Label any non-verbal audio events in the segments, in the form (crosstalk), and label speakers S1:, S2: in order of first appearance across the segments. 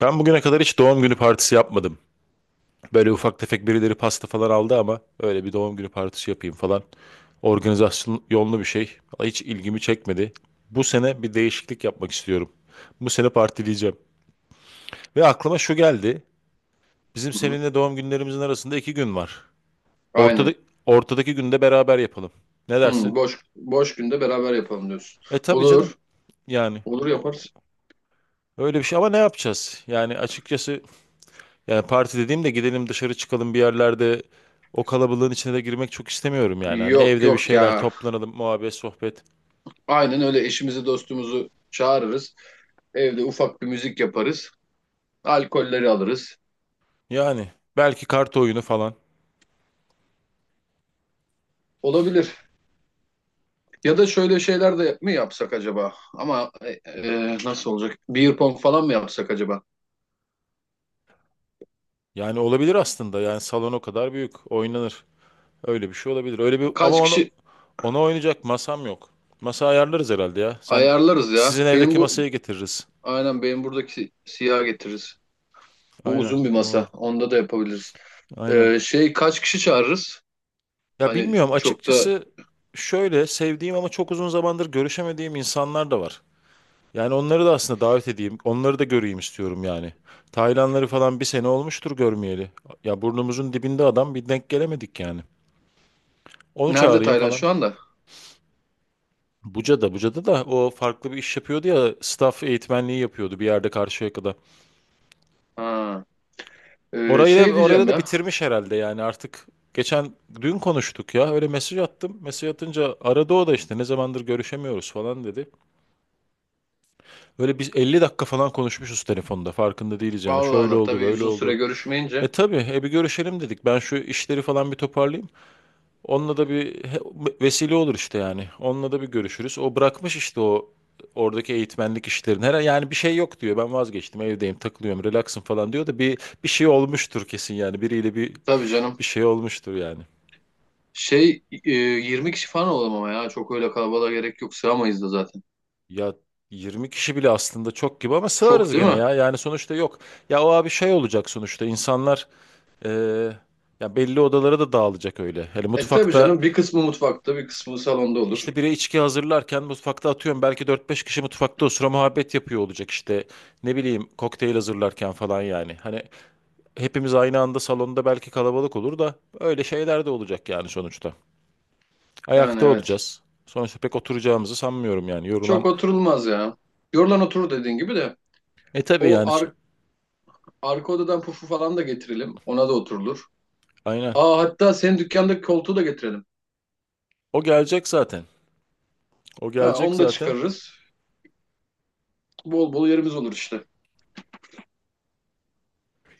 S1: Ben bugüne kadar hiç doğum günü partisi yapmadım. Böyle ufak tefek birileri pasta falan aldı ama öyle bir doğum günü partisi yapayım falan. Organizasyon yollu bir şey. Vallahi hiç ilgimi çekmedi. Bu sene bir değişiklik yapmak istiyorum. Bu sene partileyeceğim. Ve aklıma şu geldi. Bizim
S2: Hı hı.
S1: seninle doğum günlerimizin arasında iki gün var.
S2: Aynen.
S1: Ortada, ortadaki günde beraber yapalım. Ne
S2: Hı,
S1: dersin?
S2: boş boş günde beraber yapalım diyorsun.
S1: E tabii canım.
S2: Olur.
S1: Yani
S2: Olur
S1: o-
S2: yaparız.
S1: öyle bir şey ama ne yapacağız? Yani açıkçası yani parti dediğimde gidelim dışarı çıkalım bir yerlerde o kalabalığın içine de girmek çok istemiyorum yani. Hani
S2: Yok
S1: evde bir
S2: yok ya.
S1: şeyler toplanalım, muhabbet, sohbet.
S2: Aynen öyle eşimizi dostumuzu çağırırız. Evde ufak bir müzik yaparız. Alkolleri alırız.
S1: Yani belki kart oyunu falan.
S2: Olabilir. Ya da şöyle şeyler de mi yapsak acaba? Ama nasıl olacak? Beer pong falan mı yapsak acaba?
S1: Yani olabilir aslında. Yani salon o kadar büyük. Oynanır. Öyle bir şey olabilir. Öyle bir ama
S2: Kaç
S1: onu
S2: kişi
S1: ona oynayacak masam yok. Masa ayarlarız herhalde ya. Sen
S2: ayarlarız ya?
S1: sizin
S2: Benim
S1: evdeki
S2: bu
S1: masayı getiririz.
S2: aynen benim buradaki siyah getiririz. Bu
S1: Aynen,
S2: uzun bir masa.
S1: olur.
S2: Onda da yapabiliriz.
S1: Aynen.
S2: Şey kaç kişi çağırırız?
S1: Ya
S2: Hani
S1: bilmiyorum
S2: çok da
S1: açıkçası şöyle sevdiğim ama çok uzun zamandır görüşemediğim insanlar da var. Yani onları da aslında davet edeyim. Onları da göreyim istiyorum yani. Taylanları falan bir sene olmuştur görmeyeli. Ya burnumuzun dibinde adam bir denk gelemedik yani. Onu
S2: nerede
S1: çağırayım
S2: Taylan
S1: falan.
S2: şu anda?
S1: Buca'da, Buca'da da o farklı bir iş yapıyordu ya. Staff eğitmenliği yapıyordu bir yerde Karşıyaka'da.
S2: Ha. Ee,
S1: Orayı da,
S2: şey
S1: orayı
S2: diyeceğim
S1: da
S2: ya.
S1: bitirmiş herhalde yani artık. Geçen dün konuştuk ya öyle mesaj attım. Mesaj atınca aradı o da işte ne zamandır görüşemiyoruz falan dedi. Böyle biz 50 dakika falan konuşmuşuz telefonda farkında değiliz yani.
S2: Allah
S1: Şöyle
S2: Allah,
S1: oldu
S2: tabii
S1: böyle
S2: uzun süre
S1: oldu. E
S2: görüşmeyince.
S1: tabii, bir görüşelim dedik. Ben şu işleri falan bir toparlayayım. Onunla da bir vesile olur işte yani. Onunla da bir görüşürüz. O bırakmış işte o oradaki eğitmenlik işlerini. Her yani bir şey yok diyor. Ben vazgeçtim, evdeyim, takılıyorum, relaxım falan diyor da bir şey olmuştur kesin yani. Biriyle bir
S2: Tabii canım.
S1: bir şey olmuştur yani.
S2: Şey 20 kişi falan olalım ama ya. Çok öyle kalabalığa gerek yok. Sığamayız da zaten.
S1: Ya 20 kişi bile aslında çok gibi ama
S2: Çok
S1: sığarız
S2: değil
S1: gene
S2: mi?
S1: ya. Yani sonuçta yok. Ya o abi şey olacak sonuçta. İnsanlar e, ya belli odalara da dağılacak öyle. Hani
S2: E tabii
S1: mutfakta
S2: canım. Bir kısmı mutfakta, bir kısmı salonda olur.
S1: İşte biri içki hazırlarken mutfakta atıyorum belki 4 5 kişi mutfakta osura muhabbet yapıyor olacak işte ne bileyim kokteyl hazırlarken falan yani. Hani hepimiz aynı anda salonda belki kalabalık olur da öyle şeyler de olacak yani sonuçta.
S2: Yani
S1: Ayakta
S2: evet.
S1: olacağız. Sonuçta pek oturacağımızı sanmıyorum yani
S2: Çok
S1: yorulan.
S2: oturulmaz ya. Yorulan oturur, dediğin gibi de.
S1: E tabii
S2: O
S1: yani
S2: ar arka odadan pufu falan da getirelim. Ona da oturulur.
S1: aynen
S2: Aa, hatta senin dükkandaki koltuğu da getirelim.
S1: o gelecek zaten o
S2: Ha,
S1: gelecek
S2: onu da
S1: zaten.
S2: çıkarırız. Bol bol yerimiz olur işte.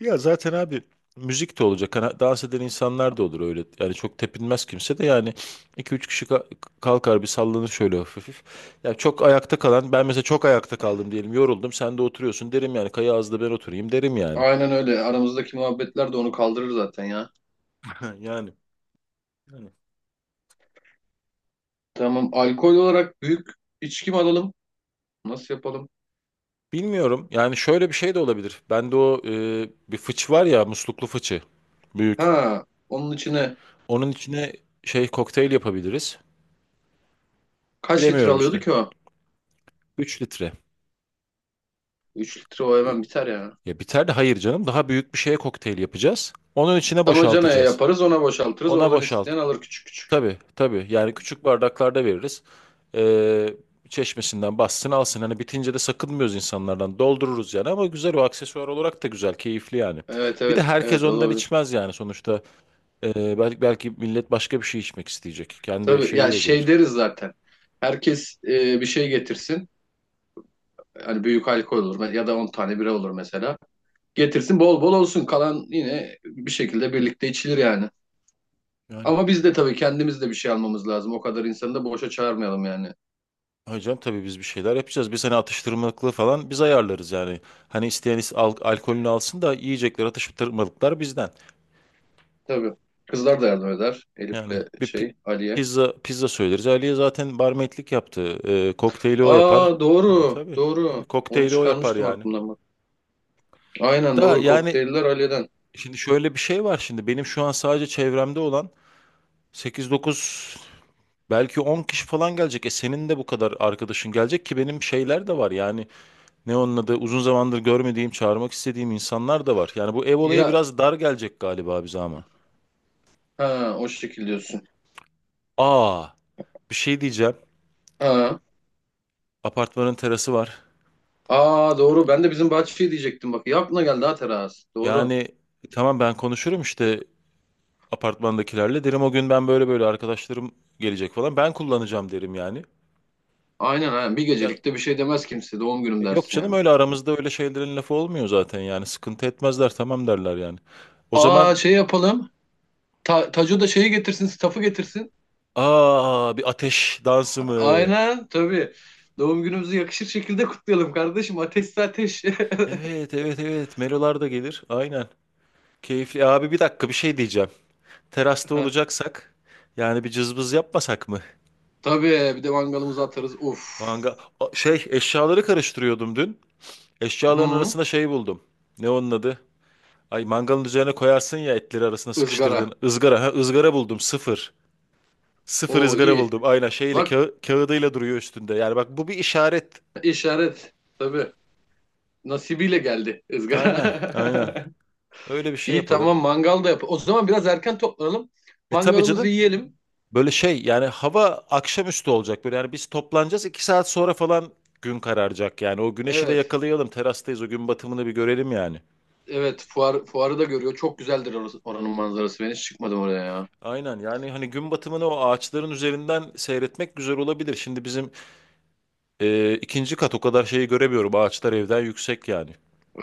S1: Ya zaten abi müzik de olacak. Hani dans eden insanlar da olur öyle. Yani çok tepinmez kimse de yani 2 3 kişi kalkar bir sallanır şöyle hafif hafif. Ya çok ayakta kalan ben mesela çok ayakta kaldım diyelim yoruldum sen de oturuyorsun derim yani kaya ağzı ben oturayım derim yani.
S2: Aynen öyle. Aramızdaki muhabbetler de onu kaldırır zaten ya.
S1: (laughs) Yani. Yani.
S2: Tamam. Alkol olarak büyük içki mi alalım? Nasıl yapalım?
S1: Bilmiyorum yani şöyle bir şey de olabilir. Bende o bir var ya musluklu fıçı büyük.
S2: Ha, onun içine
S1: Onun içine şey kokteyl yapabiliriz.
S2: kaç litre
S1: Bilemiyorum
S2: alıyordu
S1: işte.
S2: ki o?
S1: 3 litre.
S2: 3 litre o hemen biter ya.
S1: Ya biter de hayır canım. Daha büyük bir şeye kokteyl yapacağız. Onun içine
S2: Damacanaya
S1: boşaltacağız.
S2: yaparız, ona boşaltırız.
S1: Ona
S2: Oradan
S1: boşalt.
S2: isteyen alır küçük küçük.
S1: Tabii tabii. Yani küçük bardaklarda veririz. Ee, çeşmesinden bassın alsın. Hani bitince de sakınmıyoruz insanlardan. Doldururuz yani ama güzel o aksesuar olarak da güzel. Keyifli yani.
S2: Evet,
S1: Bir de
S2: evet,
S1: herkes
S2: evet,
S1: ondan
S2: olabilir.
S1: içmez yani sonuçta. Belki millet başka bir şey içmek isteyecek. Kendi
S2: Tabii ya,
S1: şeyiyle
S2: şey
S1: gelir.
S2: deriz zaten. Herkes bir şey getirsin. Hani büyük alkol olur ya da 10 tane bira olur mesela. Getirsin, bol bol olsun. Kalan yine bir şekilde birlikte içilir yani.
S1: Yani.
S2: Ama biz de tabii kendimiz de bir şey almamız lazım. O kadar insanı da boşa çağırmayalım yani.
S1: Hocam tabii biz bir şeyler yapacağız. Bir sene atıştırmalıklı falan biz ayarlarız yani. Hani isteyen alkolünü alsın da yiyecekler atıştırmalıklar bizden.
S2: Tabii. Kızlar da yardım eder.
S1: Yani
S2: Elif'le
S1: bir pi-
S2: şey, Ali'ye.
S1: pizza pizza söyleriz. Aliye zaten barmaidlik yaptı. Kokteyli o yapar.
S2: Aa,
S1: E
S2: doğru.
S1: tabii tabii
S2: Doğru. Onu
S1: kokteyli o yapar
S2: çıkarmıştım
S1: yani.
S2: aklımdan, bak. Aynen
S1: Da
S2: doğru.
S1: yani
S2: Kokteyller Ali'den.
S1: şimdi şöyle bir şey var şimdi benim şu an sadece çevremde olan 8 9 belki 10 kişi falan gelecek. E senin de bu kadar arkadaşın gelecek ki benim şeyler de var yani. Ne onun adı? Uzun zamandır görmediğim, çağırmak istediğim insanlar da var. Yani bu ev olayı
S2: Ya,
S1: biraz dar gelecek galiba bize ama.
S2: ha o şekil diyorsun.
S1: Aa, bir şey diyeceğim.
S2: Ha.
S1: Apartmanın terası var.
S2: Aa, doğru. Ben de bizim bahçeyi diyecektim, bak. Ya, aklına geldi ha, teras.
S1: Yani
S2: Doğru.
S1: tamam ben konuşurum işte apartmandakilerle. Derim o gün ben böyle böyle arkadaşlarım gelecek falan. Ben kullanacağım derim yani.
S2: Aynen aynen. Bir
S1: Ya
S2: gecelikte bir şey demez kimse. Doğum günüm
S1: yok
S2: dersin
S1: canım
S2: yani.
S1: öyle aramızda öyle şeylerin lafı olmuyor zaten yani. Sıkıntı etmezler tamam derler yani. O zaman
S2: Aa, şey yapalım. Taco da şeyi getirsin. Staff'ı getirsin.
S1: aa bir ateş dansı mı?
S2: Aynen tabii. Doğum günümüzü yakışır şekilde kutlayalım kardeşim. Ateşse ateş. (laughs)
S1: Evet evet evet. Melolar da gelir. Aynen. Keyifli. E, abi bir dakika bir şey diyeceğim. Terasta
S2: Ha,
S1: olacaksak yani bir cızbız yapmasak mı?
S2: tabii, bir de mangalımızı atarız. Uf.
S1: Şey eşyaları karıştırıyordum dün. Eşyaların
S2: Hı,
S1: arasında şey buldum. Ne onun adı? Ay mangalın üzerine koyarsın ya etleri arasına sıkıştırdığın
S2: ızgara.
S1: ızgara. Ha ızgara buldum sıfır. Sıfır
S2: Oo,
S1: ızgara
S2: iyi.
S1: buldum. Aynen şeyle
S2: Bak,
S1: kağıdıyla duruyor üstünde. Yani bak bu bir işaret.
S2: işaret. Tabii. Nasibiyle geldi
S1: Aynen aynen.
S2: ızgara.
S1: Öyle bir
S2: (laughs)
S1: şey
S2: İyi
S1: yapalım.
S2: tamam, mangal da yap. O zaman biraz erken toplanalım.
S1: E tabii
S2: Mangalımızı
S1: canım.
S2: yiyelim.
S1: Böyle şey yani hava akşamüstü olacak böyle yani biz toplanacağız 2 saat sonra falan gün kararacak yani o güneşi de
S2: Evet.
S1: yakalayalım terastayız o gün batımını bir görelim yani.
S2: Evet fuarı da görüyor. Çok güzeldir oranın manzarası. Ben hiç çıkmadım oraya ya.
S1: Aynen yani hani gün batımını o ağaçların üzerinden seyretmek güzel olabilir. Şimdi bizim 2. kat o kadar şeyi göremiyorum ağaçlar evden yüksek yani.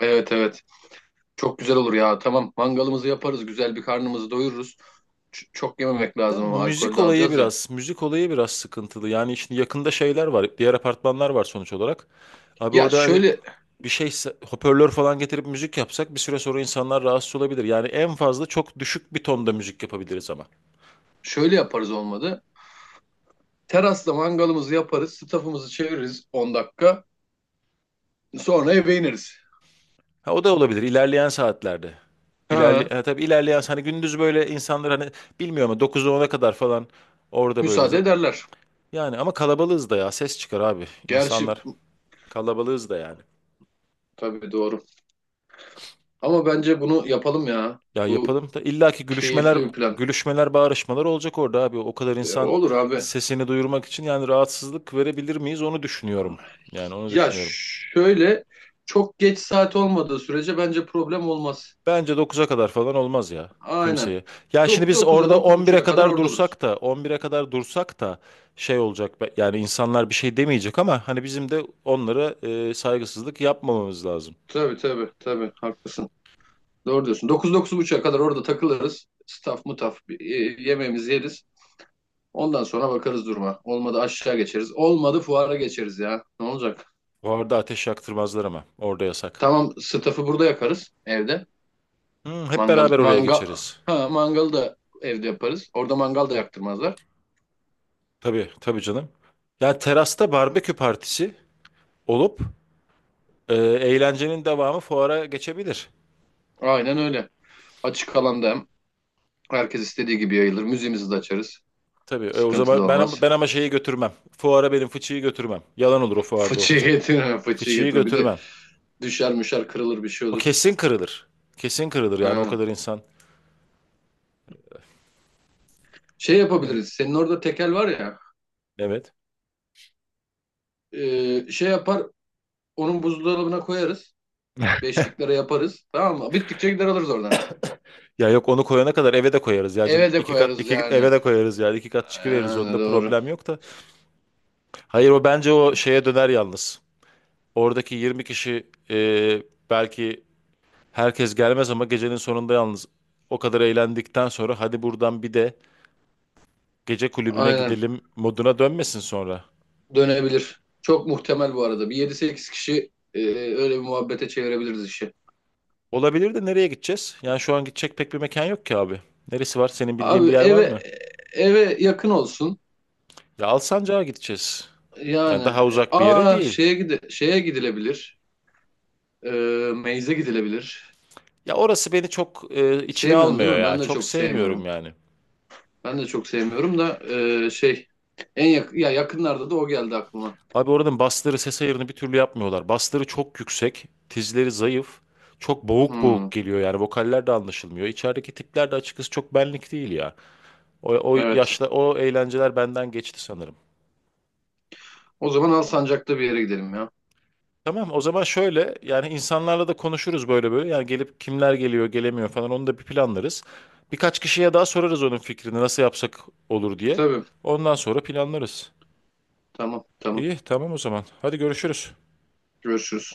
S2: Evet evet. Çok güzel olur ya. Tamam, mangalımızı yaparız. Güzel bir karnımızı doyururuz. Çok yememek
S1: Da
S2: lazım ama
S1: müzik
S2: alkolde
S1: olayı
S2: alacağız ya.
S1: biraz müzik olayı biraz sıkıntılı yani şimdi yakında şeyler var diğer apartmanlar var sonuç olarak. Abi
S2: Ya
S1: orada hani
S2: şöyle,
S1: bir hoparlör falan getirip müzik yapsak bir süre sonra insanlar rahatsız olabilir. Yani en fazla çok düşük bir tonda müzik yapabiliriz ama.
S2: yaparız olmadı. Terasta mangalımızı yaparız. Stafımızı çeviririz 10 dakika. Sonra eve ineriz.
S1: Ha, o da olabilir ilerleyen saatlerde.
S2: Ha,
S1: Tabii ilerleyen hani gündüz böyle insanlar hani bilmiyorum ama 9'a ona kadar falan orada böyle
S2: müsaade ederler.
S1: yani ama kalabalığız da ya ses çıkar abi
S2: Gerçi
S1: insanlar kalabalığız da yani.
S2: tabii, doğru. Ama bence bunu yapalım ya.
S1: Ya
S2: Bu
S1: yapalım da illaki gülüşmeler
S2: keyifli bir plan.
S1: gülüşmeler bağrışmalar olacak orada abi o kadar
S2: E,
S1: insan
S2: olur abi.
S1: sesini duyurmak için yani rahatsızlık verebilir miyiz onu düşünüyorum. Yani onu
S2: Ya
S1: düşünüyorum.
S2: şöyle, çok geç saat olmadığı sürece bence problem olmaz.
S1: Bence 9'a kadar falan olmaz ya
S2: Aynen.
S1: kimseye. Ya şimdi biz
S2: dokuz'a
S1: orada
S2: dokuz
S1: 11'e
S2: 9:30'a kadar
S1: kadar
S2: orada oluruz.
S1: dursak da on bire kadar dursak da şey olacak yani insanlar bir şey demeyecek ama hani bizim de onlara saygısızlık yapmamamız lazım.
S2: Tabii tabii tabii, haklısın. Doğru diyorsun. 9-9:30'a kadar orada takılırız. Staff mutaf bir, yemeğimizi yeriz. Ondan sonra bakarız duruma. Olmadı aşağı geçeriz. Olmadı fuara geçeriz ya. Ne olacak?
S1: Orada ateş yaktırmazlar ama orada yasak.
S2: Tamam, staff'ı burada yakarız evde.
S1: Hmm, hep
S2: Mangal
S1: beraber oraya
S2: mangal
S1: geçeriz.
S2: (laughs) ha, mangalı da evde yaparız. Orada mangal da yaktırmazlar.
S1: Tabii tabii canım. Ya terasta barbekü partisi olup eğlencenin devamı fuara geçebilir.
S2: Aynen öyle. Açık alanda hem herkes istediği gibi yayılır. Müziğimizi de açarız.
S1: Tabii o
S2: Sıkıntı da
S1: zaman
S2: olmaz.
S1: ben ama şeyi götürmem. Fuara benim fıçıyı götürmem. Yalan olur o fuarda o
S2: Fıçıyı
S1: fıçı.
S2: getirme, fıçıyı
S1: Fıçıyı
S2: getirme. Bir de
S1: götürmem.
S2: düşer müşer kırılır, bir şey
S1: O
S2: olur.
S1: kesin kırılır. Kesin kırılır yani o
S2: Aynen.
S1: kadar insan.
S2: Şey
S1: E,
S2: yapabiliriz. Senin orada tekel var ya.
S1: evet.
S2: Şey yapar. Onun buzdolabına koyarız. Beşliklere yaparız. Tamam mı? Bittikçe gider alırız oradan.
S1: Ya yok onu koyana kadar eve de koyarız ya canım.
S2: Eve de
S1: İki kat
S2: koyarız
S1: iki eve
S2: yani.
S1: de koyarız yani. 2 kat çıkıveririz
S2: Yani
S1: onda
S2: doğru.
S1: problem yok da. Hayır o bence o şeye döner yalnız. Oradaki 20 kişi belki herkes gelmez ama gecenin sonunda yalnız o kadar eğlendikten sonra hadi buradan bir de gece kulübüne
S2: Aynen.
S1: gidelim moduna dönmesin sonra.
S2: Dönebilir. Çok muhtemel bu arada. Bir yedi sekiz kişi öyle bir muhabbete çevirebiliriz işi.
S1: Olabilir de nereye gideceğiz? Yani şu an gidecek pek bir mekan yok ki abi. Neresi var? Senin bildiğin
S2: Abi
S1: bir yer var mı?
S2: eve yakın olsun.
S1: Ya Alsancak'a gideceğiz.
S2: Yani,
S1: Yani daha
S2: e,
S1: uzak bir yere
S2: aa
S1: değil.
S2: şeye gide şeye gidilebilir. E, meyze gidilebilir.
S1: Ya orası beni çok içine
S2: Sevmiyorsun değil
S1: almıyor
S2: mi?
S1: ya.
S2: Ben de
S1: Çok
S2: çok
S1: sevmiyorum
S2: sevmiyorum.
S1: yani.
S2: Ben de çok sevmiyorum da şey, en yak ya yakınlarda da o geldi aklıma.
S1: Abi oranın basları ses ayarını bir türlü yapmıyorlar. Basları çok yüksek, tizleri zayıf. Çok boğuk
S2: Hmm,
S1: boğuk geliyor yani vokaller de anlaşılmıyor. İçerideki tipler de açıkçası çok benlik değil ya. O, o
S2: evet.
S1: yaşla o eğlenceler benden geçti sanırım.
S2: O zaman Alsancak'ta bir yere gidelim ya.
S1: Tamam o zaman şöyle yani insanlarla da konuşuruz böyle böyle. Yani gelip kimler geliyor gelemiyor falan onu da bir planlarız. Birkaç kişiye daha sorarız onun fikrini nasıl yapsak olur diye.
S2: Tabii.
S1: Ondan sonra planlarız.
S2: Tamam, tamam.
S1: İyi tamam o zaman. Hadi görüşürüz.
S2: Görüşürüz.